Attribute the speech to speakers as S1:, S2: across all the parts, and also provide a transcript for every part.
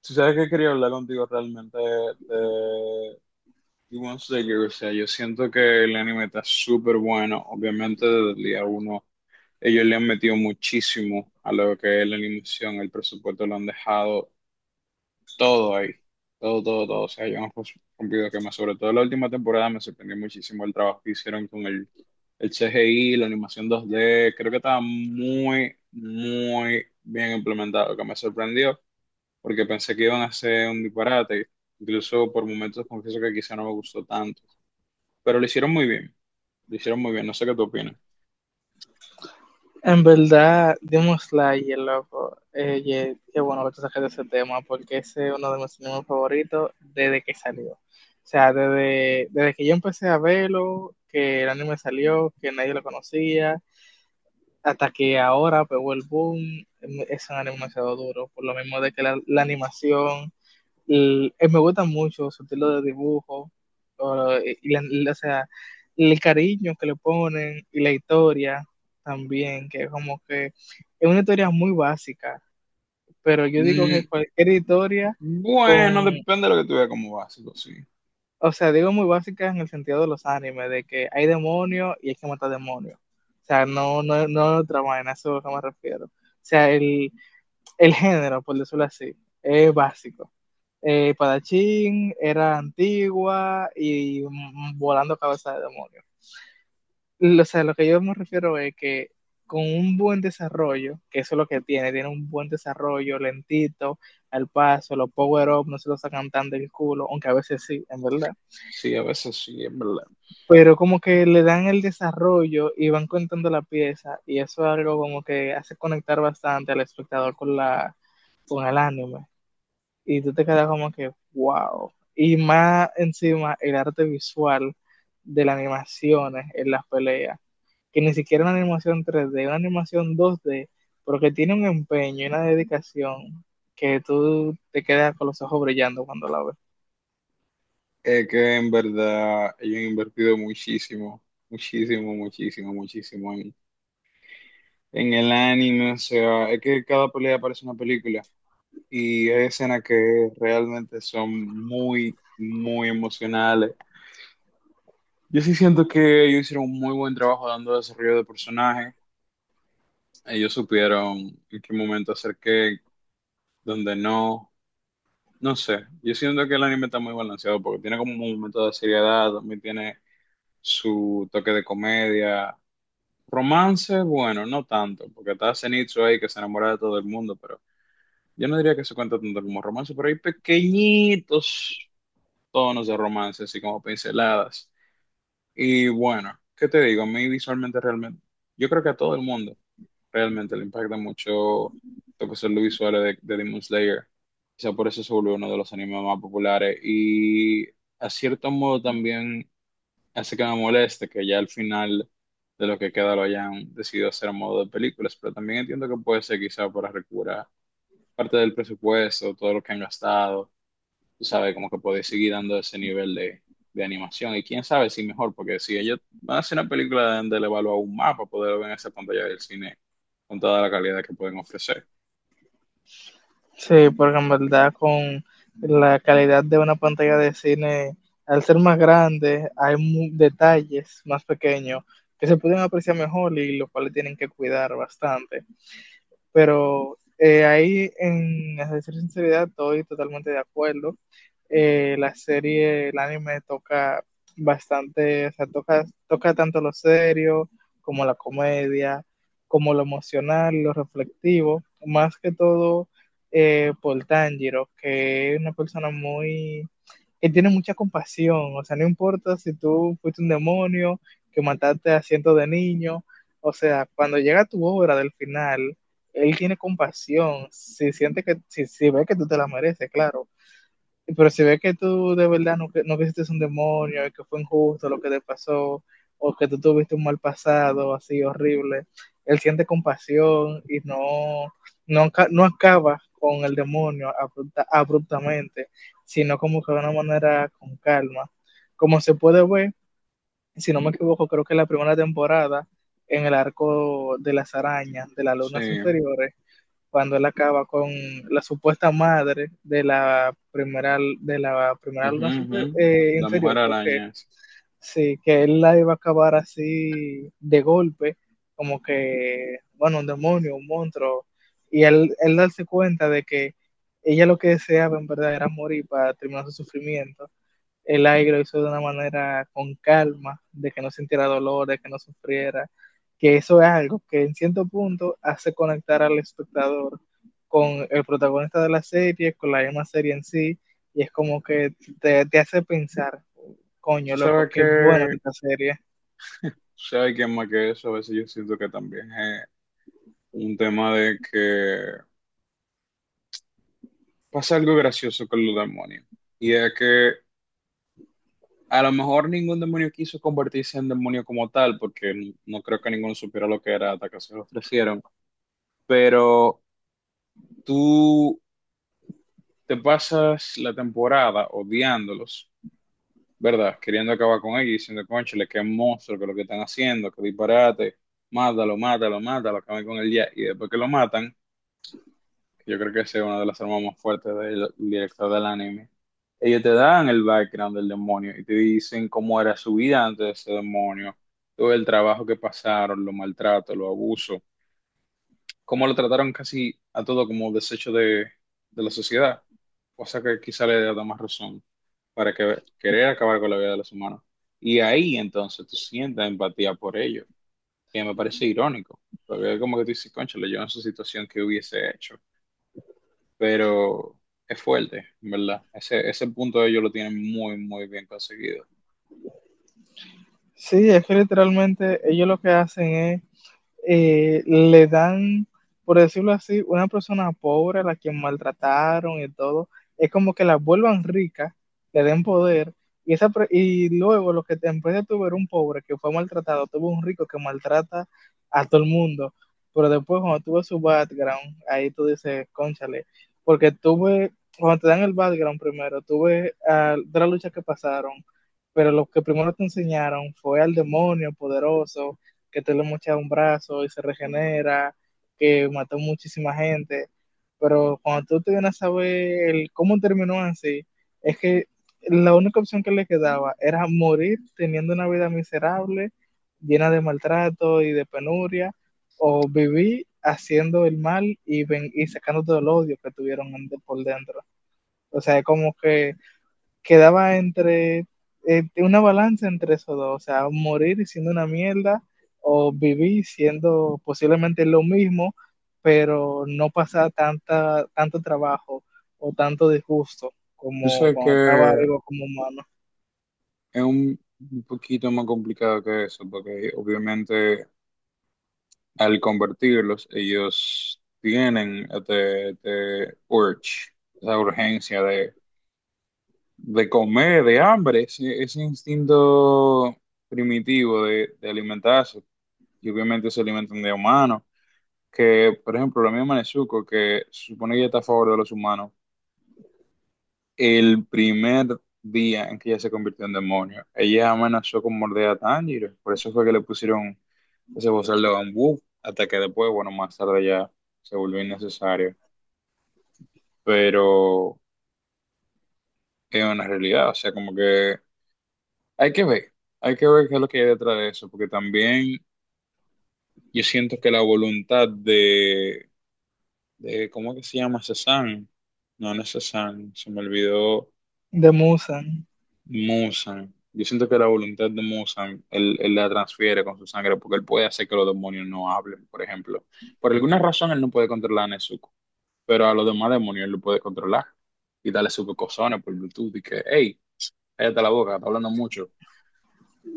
S1: Si sabes que quería hablar contigo realmente de Demon Slayer, o sea, yo siento que el anime está súper bueno, obviamente desde el día uno ellos le han metido muchísimo a lo que es la animación, el presupuesto lo han dejado todo ahí, todo, todo, todo, o sea, yo no pues, cumplido que más, sobre todo la última temporada me sorprendió muchísimo el trabajo que hicieron con el CGI, la animación 2D, creo que estaba muy, muy bien implementado, que me sorprendió porque pensé que iban a hacer un disparate. Incluso por momentos confieso que quizá no me gustó tanto, pero lo hicieron muy bien, lo hicieron muy bien, no sé qué tú opinas.
S2: En verdad, Demon Slayer, loco, qué bueno que tú saques ese tema, porque ese es uno de mis animes favoritos desde que salió. O sea, desde que yo empecé a verlo, que el anime salió, que nadie lo conocía, hasta que ahora pegó el boom. Em, es un anime demasiado duro, por lo mismo de que la animación, me gusta mucho su estilo de dibujo, o, y la- la- o sea, el cariño que le ponen y la historia también, que como que es una historia muy básica, pero yo digo que
S1: Mm,
S2: cualquier historia con,
S1: bueno, depende de lo que tú veas como básico, sí.
S2: o sea, digo muy básica en el sentido de los animes, de que hay demonios y hay que matar demonios. O sea, no, no, no es otra vaina, eso es a lo que me refiero. O sea, el género, por decirlo así, es básico. Padachín era antigua y volando cabeza de demonio. O sea, lo que yo me refiero es que con un buen desarrollo, que eso es lo que tiene, tiene un buen desarrollo, lentito, al paso, los power-up no se lo sacan tan del culo, aunque a veces sí, en verdad.
S1: Sí, a veces sí, es verdad.
S2: Pero como que le dan el desarrollo y van contando la pieza, y eso es algo como que hace conectar bastante al espectador con con el anime. Y tú te quedas como que, wow. Y más encima el arte visual de las animaciones en las peleas, que ni siquiera una animación 3D, una animación 2D, pero que tiene un empeño y una dedicación que tú te quedas con los ojos brillando cuando la ves.
S1: Es que en verdad ellos han invertido muchísimo, muchísimo, muchísimo, muchísimo en el anime. O sea, es que cada pelea parece una película y hay escenas que realmente son muy, muy emocionales. Yo sí siento que ellos hicieron un muy buen trabajo dando desarrollo de personaje. Ellos supieron en qué momento hacer qué, dónde no. No sé. Yo siento que el anime está muy balanceado porque tiene como un momento de seriedad, también tiene su toque de comedia. Romance, bueno, no tanto, porque está Zenitsu ahí que se enamora de todo el mundo, pero yo no diría que se cuenta tanto como romance, pero hay pequeñitos tonos de romance, así como pinceladas. Y bueno, ¿qué te digo? A mí visualmente realmente, yo creo que a todo el mundo realmente le impacta mucho lo que son los visuales de Demon Slayer. Quizá por eso se volvió uno de los animes más populares y a cierto modo también hace que me moleste que ya al final de lo que queda lo hayan decidido hacer a modo de películas, pero también entiendo que puede ser quizá para recuperar parte del presupuesto, todo lo que han gastado tú sabes, como que podés seguir dando ese nivel de animación. Y quién sabe si mejor, porque si ellos van a hacer una película deben de le evalúa un mapa, poder ver en esa pantalla del cine con toda la calidad que pueden ofrecer.
S2: Sí, porque en verdad con la calidad de una pantalla de cine, al ser más grande, hay detalles más pequeños que se pueden apreciar mejor y los cuales tienen que cuidar bastante. Pero ahí, en a decir sinceridad, estoy totalmente de acuerdo. La serie, el anime toca bastante, o sea, toca tanto lo serio como la comedia, como lo emocional, lo reflectivo, más que todo por Tanjiro, que es una persona muy, él tiene mucha compasión, o sea, no importa si tú fuiste un demonio, que mataste a cientos de niños, o sea, cuando llega tu obra del final, él tiene compasión, si siente que, si ve que tú te la mereces, claro. Pero si ves que tú de verdad no, no creíste un demonio, y que fue injusto lo que te pasó, o que tú tuviste un mal pasado así horrible, él siente compasión y no, no, no acaba con el demonio abruptamente, sino como que de una manera con calma. Como se puede ver, si no me equivoco, creo que en la primera temporada, en el arco de las arañas, de las
S1: Sí.
S2: lunas inferiores, cuando él acaba con la supuesta madre de de la primera
S1: Ujú,
S2: luna
S1: ujú.
S2: super,
S1: La Mujer
S2: inferior, creo que
S1: Araña.
S2: sí, que él la iba a acabar así de golpe, como que, bueno, un demonio, un monstruo, y él darse cuenta de que ella lo que deseaba en verdad era morir para terminar su sufrimiento, el aire lo hizo de una manera con calma, de que no sintiera dolor, de que no sufriera, que eso es algo que en cierto punto hace conectar al espectador con el protagonista de la serie, con la misma serie en sí, y es como que te hace pensar,
S1: Tú
S2: coño, loco,
S1: sabes
S2: qué buena
S1: que
S2: esta serie.
S1: si hay quien más que eso, a veces yo siento que también es un tema de que pasa algo gracioso con los demonios. Y es que a lo mejor ningún demonio quiso convertirse en demonio como tal, porque no creo que ninguno supiera lo que era hasta que se lo ofrecieron. Pero tú te pasas la temporada odiándolos, ¿verdad? Queriendo acabar con ellos, diciendo, cónchale, qué monstruo, que lo que están haciendo, que disparate, mátalo, mátalo, mátalo, acaben con él ya. Y después que lo matan, que yo creo que esa es una de las armas más fuertes del director del anime, ellos te dan el background del demonio y te dicen cómo era su vida antes de ese demonio, todo el trabajo que pasaron, los maltratos, los abusos cómo lo trataron casi a todo como desecho de la sociedad, cosa que quizá le da más razón para que, querer acabar con la vida de los humanos. Y ahí entonces tú sientes empatía por ellos, que me parece irónico, porque es como que tú dices, cónchale, yo en su situación qué hubiese hecho, pero es fuerte, en ¿verdad? Ese punto ellos lo tienen muy, muy bien conseguido.
S2: Sí, es que literalmente ellos lo que hacen es le dan, por decirlo así, una persona pobre a la que maltrataron y todo, es como que la vuelvan rica, le den poder, y, esa, y luego lo que te empieza a tuvo era un pobre que fue maltratado, tuvo un rico que maltrata a todo el mundo, pero después cuando tuve su background, ahí tú dices, cónchale, porque tuve, cuando te dan el background primero, tuve de las luchas que pasaron, pero lo que primero te enseñaron fue al demonio poderoso, que te lo mochas un brazo y se regenera, que mató muchísima gente. Pero cuando tú te vienes a saber el cómo terminó así, es que la única opción que le quedaba era morir teniendo una vida miserable, llena de maltrato y de penuria, o vivir haciendo el mal y, ven y sacando todo el odio que tuvieron por dentro. O sea, es como que quedaba entre una balanza entre esos dos, o sea, morir siendo una mierda o vivir siendo posiblemente lo mismo, pero no pasar tanto trabajo o tanto disgusto
S1: Yo
S2: como
S1: sé que
S2: cuando estaba vivo como humano.
S1: es un poquito más complicado que eso, porque obviamente... al convertirlos, ellos tienen este urge, esa urgencia de comer, de hambre, ese instinto primitivo de alimentarse. Y obviamente se alimentan de humanos, que por ejemplo la misma Nezuko, que se supone que ella está a favor de los humanos, el primer día en que ella se convirtió en demonio, ella amenazó con morder a Tanjiro, por eso fue que le pusieron ese bozal de bambú, hasta que después, bueno, más tarde ya se volvió innecesario. Pero es una realidad, o sea, como que hay que ver, hay que ver qué es lo que hay detrás de eso, porque también yo siento que la voluntad de ¿cómo que se llama? Cezanne, no, no es Cezanne, se me olvidó,
S2: De Musan.
S1: Musan, yo siento que la voluntad de Musan, él la transfiere con su sangre, porque él puede hacer que los demonios no hablen, por ejemplo. Por alguna razón él no puede controlar a Nezuko, pero a los demás demonios él lo puede controlar y darle sus cocosones por Bluetooth y que, hey, cállate la boca, está hablando mucho.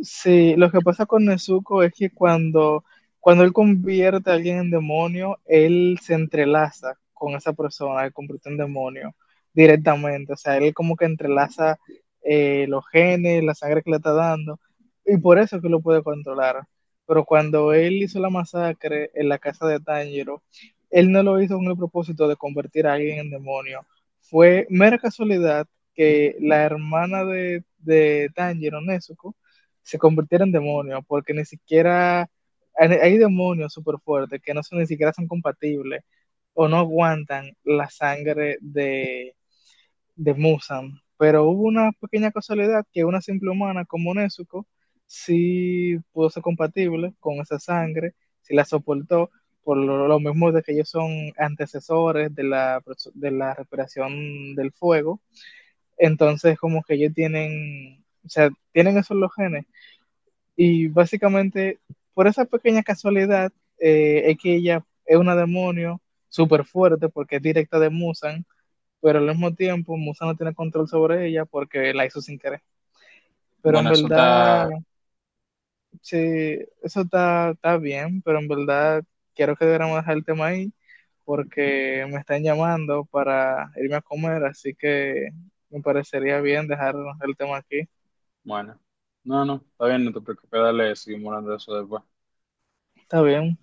S2: Sí, lo que pasa con Nezuko es que cuando él convierte a alguien en demonio, él se entrelaza con esa persona que convierte en demonio directamente. O sea, él como que entrelaza los genes, la sangre que le está dando, y por eso es que lo puede controlar. Pero cuando él hizo la masacre en la casa de Tanjiro, él no lo hizo con el propósito de convertir a alguien en demonio. Fue mera casualidad que la hermana de Tanjiro, Nezuko, se convirtiera en demonio, porque ni siquiera hay demonios súper fuertes que no son, ni siquiera son compatibles o no aguantan la sangre de Musan. Pero hubo una pequeña casualidad que una simple humana como Nezuko sí pudo ser compatible con esa sangre, sí la soportó, por mismo de que ellos son antecesores de de la respiración del fuego. Entonces, como que ellos tienen, o sea, tienen esos los genes y básicamente, por esa pequeña casualidad, es que ella es una demonio súper fuerte porque es directa de Musan, pero al mismo tiempo Musan no tiene control sobre ella porque la hizo sin querer. Pero en
S1: Bueno, eso
S2: verdad,
S1: está
S2: sí, eso está, está bien, pero en verdad quiero que deberíamos dejar el tema ahí porque me están llamando para irme a comer, así que me parecería bien dejar el tema aquí.
S1: bueno. No, no, está bien, no te preocupes, dale, seguimos hablando de eso después.
S2: Está bien.